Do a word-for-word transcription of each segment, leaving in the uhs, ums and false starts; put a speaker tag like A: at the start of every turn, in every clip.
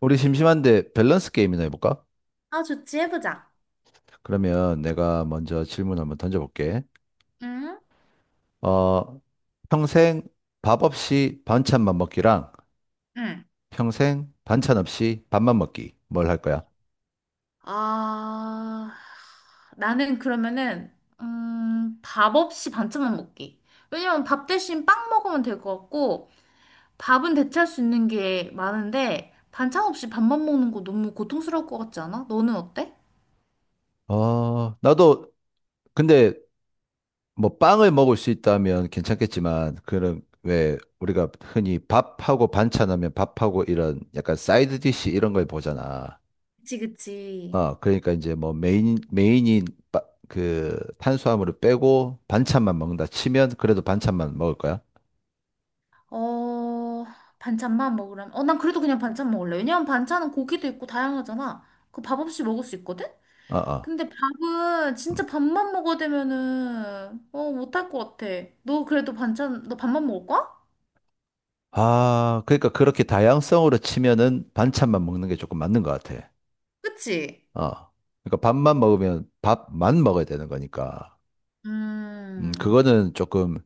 A: 우리 심심한데 밸런스 게임이나 해볼까?
B: 아, 좋지, 해보자.
A: 그러면 내가 먼저 질문 한번 던져볼게.
B: 응?
A: 어, 평생 밥 없이 반찬만 먹기랑
B: 응.
A: 평생 반찬 없이 밥만 먹기. 뭘 할 거야?
B: 아, 나는 그러면은, 음, 밥 없이 반찬만 먹기. 왜냐면 밥 대신 빵 먹으면 될 것 같고, 밥은 대체할 수 있는 게 많은데, 반찬 없이 밥만 먹는 거 너무 고통스러울 것 같지 않아? 너는 어때?
A: 어, 나도 근데 뭐 빵을 먹을 수 있다면 괜찮겠지만 그런 왜 우리가 흔히 밥하고 반찬하면 밥하고 이런 약간 사이드 디시 이런 걸 보잖아.
B: 그치, 그치.
A: 아, 그러니까 이제 뭐 메인, 메인이 빠- 그 탄수화물을 빼고 반찬만 먹는다 치면 그래도 반찬만 먹을 거야?
B: 어, 반찬만 먹으라면. 어, 난 그래도 그냥 반찬 먹을래. 왜냐면 반찬은 고기도 있고 다양하잖아. 그 밥 없이 먹을 수 있거든?
A: 아, 아.
B: 근데 밥은
A: 음.
B: 진짜 밥만 먹어대면은 어 못할 것 같아. 너 그래도 반찬 너 밥만 먹을 거야?
A: 아, 그러니까 그렇게 다양성으로 치면은 반찬만 먹는 게 조금 맞는 것 같아.
B: 그치?
A: 어. 그러니까 밥만 먹으면 밥만 먹어야 되는 거니까. 음,
B: 음
A: 그거는 조금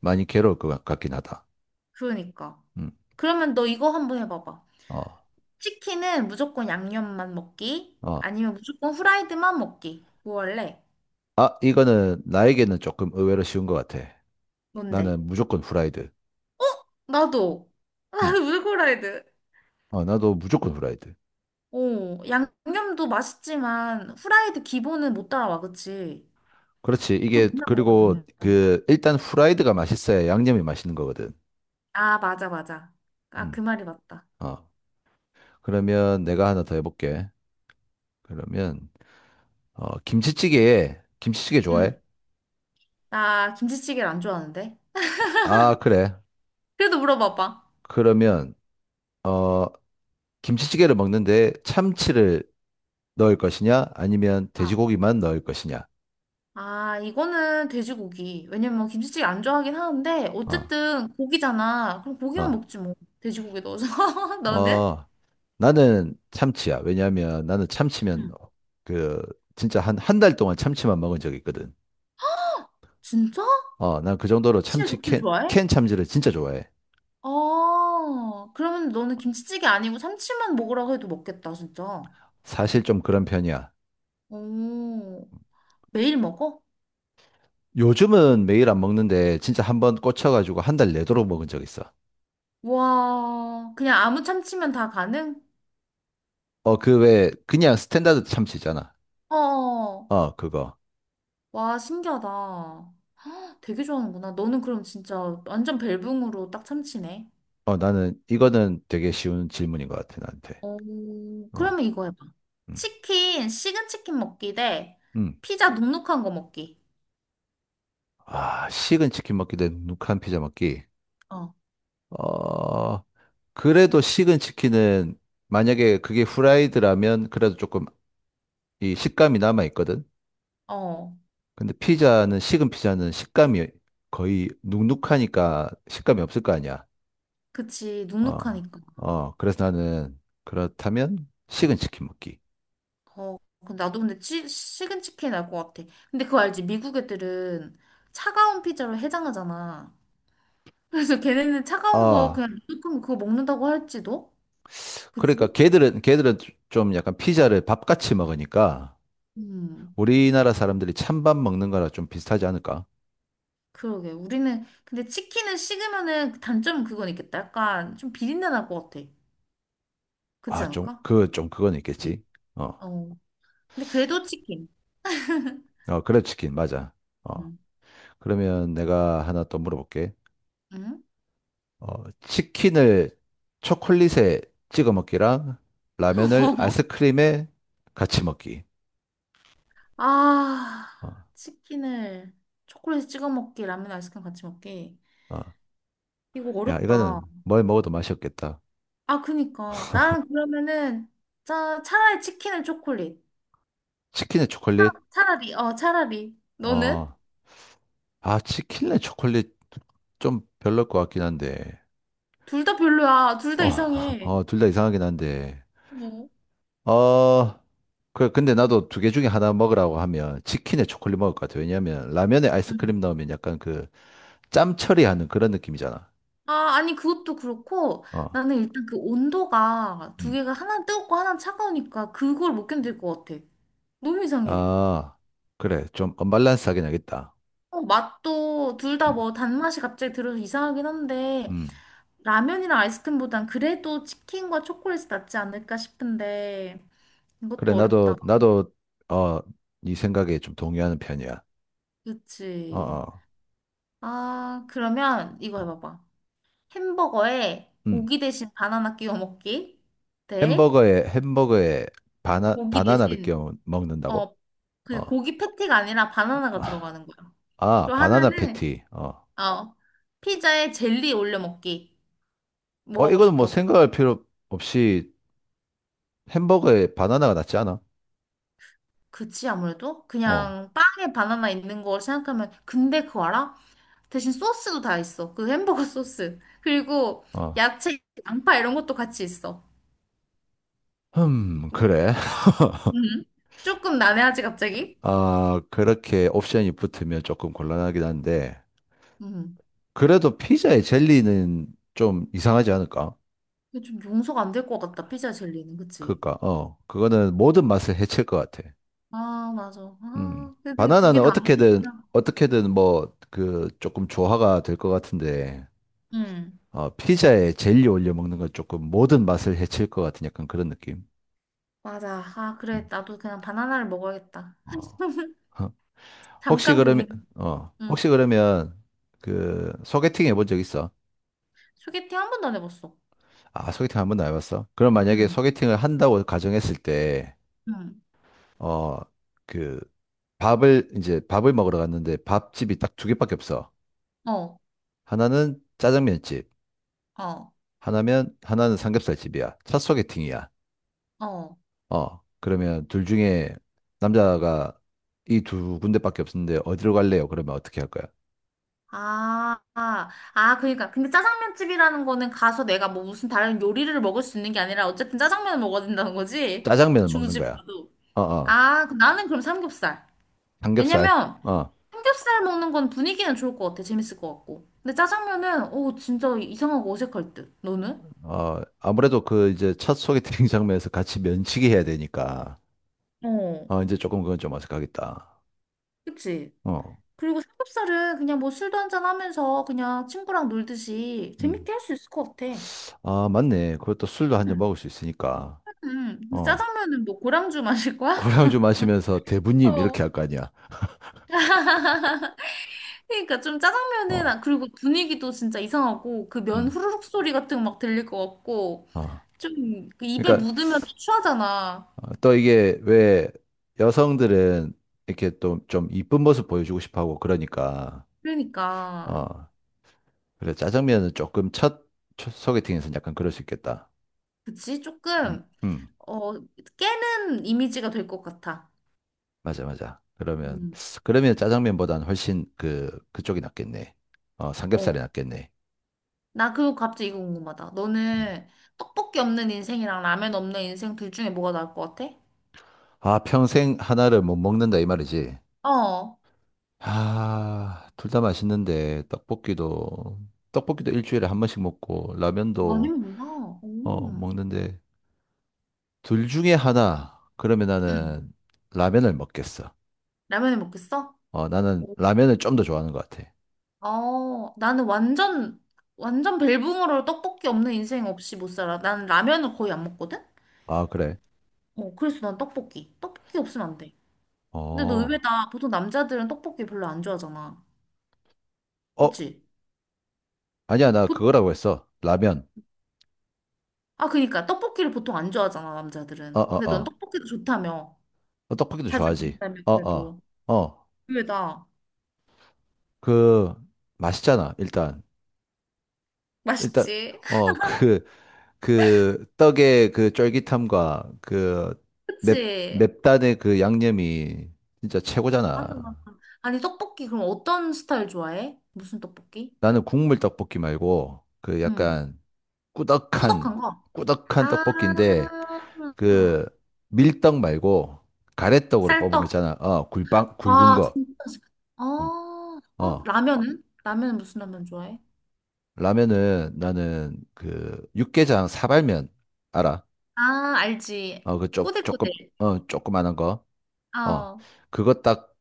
A: 많이 괴로울 것 같- 같긴 하다.
B: 그러니까.
A: 음,
B: 그러면 너 이거 한번 해봐봐.
A: 어,
B: 치킨은 무조건 양념만 먹기
A: 어.
B: 아니면 무조건 후라이드만 먹기. 뭐 할래?
A: 아, 이거는 나에게는 조금 의외로 쉬운 것 같아.
B: 뭔데?
A: 나는 무조건 후라이드.
B: 나도
A: 음,
B: 나도 무조건 후라이드.
A: 어, 나도 무조건 후라이드.
B: 오 양념도 맛있지만 후라이드 기본은 못 따라와 그치?
A: 그렇지.
B: 그거
A: 이게,
B: 맨날 먹어야
A: 그리고
B: 되는
A: 그, 일단 후라이드가 맛있어야 양념이 맛있는 거거든.
B: 아 맞아 맞아. 아 그
A: 음.
B: 말이 맞다.
A: 어. 그러면 내가 하나 더 해볼게. 그러면, 어, 김치찌개에, 김치찌개 좋아해?
B: 응. 나 김치찌개를 안 좋아하는데.
A: 아, 그래.
B: 그래도 물어봐봐.
A: 그러면, 어, 김치찌개를 먹는데 참치를 넣을 것이냐? 아니면
B: 어.
A: 돼지고기만 넣을 것이냐?
B: 아, 이거는 돼지고기. 왜냐면 김치찌개 안 좋아하긴 하는데,
A: 어,
B: 어쨌든 고기잖아. 그럼 고기만
A: 어,
B: 먹지 뭐. 돼지고기 넣어서. 너는?
A: 어. 나는 참치야. 왜냐하면 나는 참치면,
B: 응.
A: 그, 진짜 한, 한 달 동안 참치만 먹은 적이 있거든.
B: 진짜?
A: 어, 난 그 정도로
B: 참치를
A: 참치
B: 그렇게
A: 캔,
B: 좋아해?
A: 캔 참치를 진짜 좋아해.
B: 어, 그러면 너는 김치찌개 아니고 참치만 먹으라고 해도 먹겠다, 진짜.
A: 사실 좀 그런 편이야.
B: 오, 매일 먹어?
A: 요즘은 매일 안 먹는데 진짜 한 번 꽂혀가지고 한 달 내도록 먹은 적 있어.
B: 와, 그냥 아무 참치면 다 가능?
A: 어, 그 왜 그냥 스탠다드 참치잖아.
B: 어,
A: 어, 그거.
B: 와, 신기하다. 되게 좋아하는구나. 너는 그럼 진짜 완전 벨붕으로 딱 참치네.
A: 어, 나는 이거는 되게 쉬운 질문인 것 같아, 나한테.
B: 어,
A: 어,
B: 그러면 이거 해봐.
A: 음,
B: 치킨, 식은 치킨 먹기 대
A: 음.
B: 피자 눅눅한 거 먹기.
A: 아, 식은 치킨 먹기 대 누크한 피자 먹기.
B: 어,
A: 어, 그래도 식은 치킨은 만약에 그게 후라이드라면 그래도 조금 이 식감이 남아 있거든.
B: 어,
A: 근데 피자는 식은 피자는 식감이 거의 눅눅하니까 식감이 없을 거 아니야.
B: 그치.
A: 어,
B: 눅눅하니까.
A: 어, 그래서 나는 그렇다면 식은 치킨 먹기.
B: 어, 근데 나도 근데 치, 식은 치킨 날 것 같아. 근데 그거 알지? 미국 애들은 차가운 피자로 해장하잖아. 그래서 걔네는 차가운 거
A: 아,
B: 그냥 눅눅한 거 그거 먹는다고 할지도?
A: 그러니까
B: 그치?
A: 걔들은 걔들은 좀 약간 피자를 밥같이 먹으니까
B: 음.
A: 우리나라 사람들이 찬밥 먹는 거랑 좀 비슷하지 않을까?
B: 그러게. 우리는, 근데 치킨은 식으면은 그 단점은 그건 있겠다. 약간 좀 비린내 날 것 같아. 그렇지
A: 아, 좀
B: 않을까?
A: 그 좀 그건
B: 그치?
A: 있겠지. 어,
B: 어. 근데 그래도 치킨.
A: 어, 그래 치킨 맞아. 어,
B: 응.
A: 그러면 내가 하나 또 물어볼게.
B: 응?
A: 어, 치킨을 초콜릿에 찍어 먹기랑 라면을 아이스크림에 같이 먹기.
B: 아,
A: 어,
B: 치킨을 초콜릿에 찍어 먹기, 라면 아이스크림 같이 먹기.
A: 어.
B: 이거
A: 야,
B: 어렵다.
A: 이거는 뭘 먹어도 맛이 없겠다.
B: 아, 그니까. 나는 그러면은 차, 차라리 치킨을 초콜릿.
A: 치킨에 초콜릿?
B: 차라리, 어, 차라리. 너는?
A: 어, 아, 치킨에 초콜릿 좀 별로일 것 같긴 한데.
B: 둘 다 별로야. 둘 다
A: 어,
B: 이상해.
A: 어, 둘 다 이상하긴 한데.
B: 어.
A: 어, 그래, 근데 나도 두 개 중에 하나 먹으라고 하면 치킨에 초콜릿 먹을 것 같아. 왜냐면 라면에
B: 응.
A: 아이스크림 넣으면 약간 그 짬 처리하는 그런 느낌이잖아.
B: 아, 아니, 그것도 그렇고,
A: 어.
B: 나는 일단 그 온도가 두
A: 음.
B: 개가 하나는 뜨겁고 하나는 차가우니까 그걸 못 견딜 것 같아. 너무 이상해.
A: 아, 그래. 좀 언밸런스하긴 하겠다.
B: 어, 맛도 둘 다
A: 음,
B: 뭐 단맛이 갑자기 들어서 이상하긴 한데,
A: 음.
B: 라면이랑 아이스크림보단 그래도 치킨과 초콜릿이 낫지 않을까 싶은데,
A: 그래,
B: 이것도
A: 나도,
B: 어렵다.
A: 나도, 어, 네 생각에 좀 동의하는 편이야. 어,
B: 그치.
A: 어.
B: 아, 그러면 이거 해봐봐. 햄버거에
A: 음.
B: 고기 대신 바나나 끼워 먹기 대
A: 햄버거에, 햄버거에 바나,
B: 고기
A: 바나나를
B: 대신
A: 끼워 먹는다고?
B: 어,
A: 어.
B: 그 고기 패티가 아니라 바나나가
A: 아,
B: 들어가는 거야.
A: 아,
B: 그리고
A: 바나나
B: 하나는
A: 패티. 어.
B: 어 피자에 젤리 올려 먹기. 뭐
A: 어,
B: 하고
A: 이거는 뭐
B: 싶어?
A: 생각할 필요 없이 햄버거에 바나나가 낫지 않아?
B: 그치 아무래도
A: 어,
B: 그냥 빵에 바나나 있는 걸 생각하면 근데 그거 알아? 대신 소스도 다 있어. 그 햄버거 소스. 그리고
A: 어.
B: 야채, 양파 이런 것도 같이 있어.
A: 음, 그래.
B: 음. 조금 난해하지 갑자기?
A: 아, 그렇게 옵션이 붙으면 조금 곤란하긴 한데,
B: 음.
A: 그래도 피자에 젤리는 좀 이상하지 않을까?
B: 근데 좀 용서가 안 될 것 같다 피자 젤리는 그치?
A: 그니까, 어, 그거는 모든 맛을 해칠 것 같아.
B: 아 맞아.
A: 음.
B: 아 근데 두 개
A: 바나나는
B: 다 안 먹고
A: 어떻게든,
B: 싶다.
A: 어떻게든 뭐, 그, 조금 조화가 될 것 같은데,
B: 응
A: 어, 피자에 젤리 올려 먹는 건 조금 모든 맛을 해칠 것 같은 약간 그런 느낌.
B: 맞아. 아, 그래.
A: 음.
B: 나도 그냥 바나나를 먹어야겠다.
A: 어. 어. 혹시
B: 잠깐
A: 그러면,
B: 고민.
A: 어,
B: 응.
A: 혹시 그러면, 그, 소개팅 해본 적 있어?
B: 소개팅 한 번도 안 해봤어.
A: 아, 소개팅 한 번도 안 해봤어? 그럼 만약에
B: 응,
A: 소개팅을 한다고 가정했을 때,
B: 응.
A: 어, 그 밥을 이제 밥을 먹으러 갔는데 밥집이 딱 두 개밖에 없어.
B: 어,
A: 하나는 짜장면집,
B: 어,
A: 하나면 하나는 삼겹살집이야. 첫 소개팅이야.
B: 어.
A: 어, 그러면 둘 중에 남자가 이 두 군데밖에 없는데 어디로 갈래요? 그러면 어떻게 할 거야?
B: 아, 아, 아, 그러니까. 근데 짜장면 집이라는 거는 가서 내가 뭐 무슨 다른 요리를 먹을 수 있는 게 아니라 어쨌든 짜장면을 먹어야 된다는 거지?
A: 짜장면을 먹는
B: 주부집
A: 거야.
B: 가도.
A: 어, 어,
B: 아, 그- 나는 그럼 삼겹살.
A: 삼겹살.
B: 왜냐면
A: 어,
B: 삼겹살 먹는 건 분위기는 좋을 것 같아. 재밌을 것 같고. 근데 짜장면은, 오, 진짜 이상하고 어색할 듯. 너는?
A: 어, 아무래도 그 이제 첫 소개팅 장면에서 같이 면치기 해야 되니까.
B: 어,
A: 어, 이제 조금 그건 좀 어색하겠다.
B: 그치?
A: 어,
B: 그리고 삼겹살은 그냥 뭐 술도 한잔 하면서 그냥 친구랑 놀듯이
A: 음.
B: 재밌게 할 수 있을 것 같아.
A: 아, 맞네. 그것도 술도 한잔
B: 응.
A: 먹을 수 있으니까.
B: 음. 근데
A: 어.
B: 짜장면은 뭐 고량주 마실 거야?
A: 고량주 마시면서 대부님
B: 어.
A: 이렇게 할 거 아니야.
B: 그러니까 좀 짜장면은
A: 어.
B: 아, 그리고 분위기도 진짜 이상하고 그 면
A: 음.
B: 후루룩 소리 같은 거 막 들릴 것 같고
A: 어.
B: 좀그 입에
A: 그러니까
B: 묻으면 추하잖아.
A: 어, 또 이게 왜 여성들은 이렇게 또 좀 이쁜 모습 보여주고 싶어 하고 그러니까
B: 그러니까
A: 어. 그래 짜장면은 조금 첫, 첫 소개팅에서는 약간 그럴 수 있겠다.
B: 그치?
A: 음.
B: 조금
A: 음.
B: 어 깨는 이미지가 될 것 같아.
A: 맞아, 맞아. 그러면
B: 음.
A: 그러면 짜장면보다는 훨씬 그 그쪽이 낫겠네. 어, 삼겹살이
B: 어.
A: 낫겠네.
B: 나 그거 갑자기 이거 궁금하다.
A: 음.
B: 너는 떡볶이 없는 인생이랑 라면 없는 인생 둘 중에 뭐가 나을 것 같아?
A: 아, 평생 하나를 못 먹는다 이 말이지.
B: 어,
A: 아, 둘 다 맛있는데 떡볶이도 떡볶이도 일주일에 한 번씩 먹고
B: 많이
A: 라면도
B: 먹나?
A: 어
B: 오.
A: 먹는데 둘 중에 하나 그러면
B: 응,
A: 나는 라면을 먹겠어.
B: 라면을 먹겠어?
A: 어
B: 어,
A: 나는 라면을 좀 더 좋아하는 것 같아.
B: 어, 나는 완전, 완전 벨붕으로 떡볶이 없는 인생 없이 못 살아. 나는 라면을 거의 안 먹거든?
A: 아 그래?
B: 어, 그래서 난 떡볶이. 떡볶이 없으면 안 돼. 근데 너
A: 어,
B: 의외다. 보통 남자들은 떡볶이 별로 안 좋아하잖아.
A: 어
B: 그치?
A: 아니야 나
B: 보,
A: 그거라고 했어. 라면.
B: 아, 그니까. 떡볶이를 보통 안 좋아하잖아,
A: 어
B: 남자들은.
A: 어
B: 근데 넌
A: 어.
B: 떡볶이도 좋다며.
A: 어, 떡볶이도
B: 자주
A: 좋아하지.
B: 먹는다며
A: 어 어
B: 그래도
A: 어.
B: 의외다.
A: 그 맛있잖아 일단 일단
B: 맛있지?
A: 어그 그 떡의 그 쫄깃함과 그 맵,
B: 그치?
A: 맵단의 그 양념이 진짜 최고잖아.
B: 맞아, 맞아. 아니, 떡볶이 그럼 어떤 스타일 좋아해? 무슨 떡볶이?
A: 나는 국물 떡볶이 말고 그
B: 응.
A: 약간 꾸덕한
B: 꾸덕한 거?
A: 꾸덕한
B: 아,
A: 떡볶이인데 그 밀떡 말고 가래떡으로 뽑은 거
B: 쌀떡.
A: 있잖아. 어, 굴빵 굵은
B: 와,
A: 거.
B: 진짜 맛있겠다. 어,
A: 어.
B: 어,
A: 어,
B: 라면은? 라면은 무슨 라면 좋아해?
A: 라면은 나는 그 육개장 사발면 알아?
B: 아, 알지.
A: 어, 그 쪼,
B: 꼬들꼬들.
A: 조금 어, 조그만한 거. 어.
B: 어.
A: 그거 딱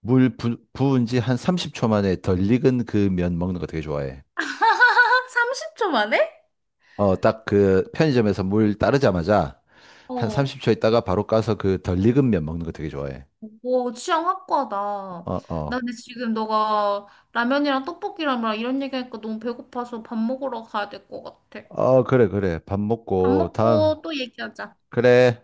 A: 물 부, 부은 지 한 삼십 초 만에 덜 익은 그 면 먹는 거 되게 좋아해.
B: 삼십 초 만에?
A: 어, 딱 그 편의점에서 물 따르자마자 한
B: 어.
A: 삼십 초 있다가 바로 가서 그 덜 익은 면 먹는 거 되게 좋아해.
B: 오, 취향 확고하다.
A: 어,
B: 나
A: 어.
B: 근데 지금 너가 라면이랑 떡볶이랑 막 이런 얘기하니까 너무 배고파서 밥 먹으러 가야 될 것 같아.
A: 어, 그래, 그래. 밥
B: 밥
A: 먹고 다음.
B: 먹고 또 얘기하자.
A: 그래.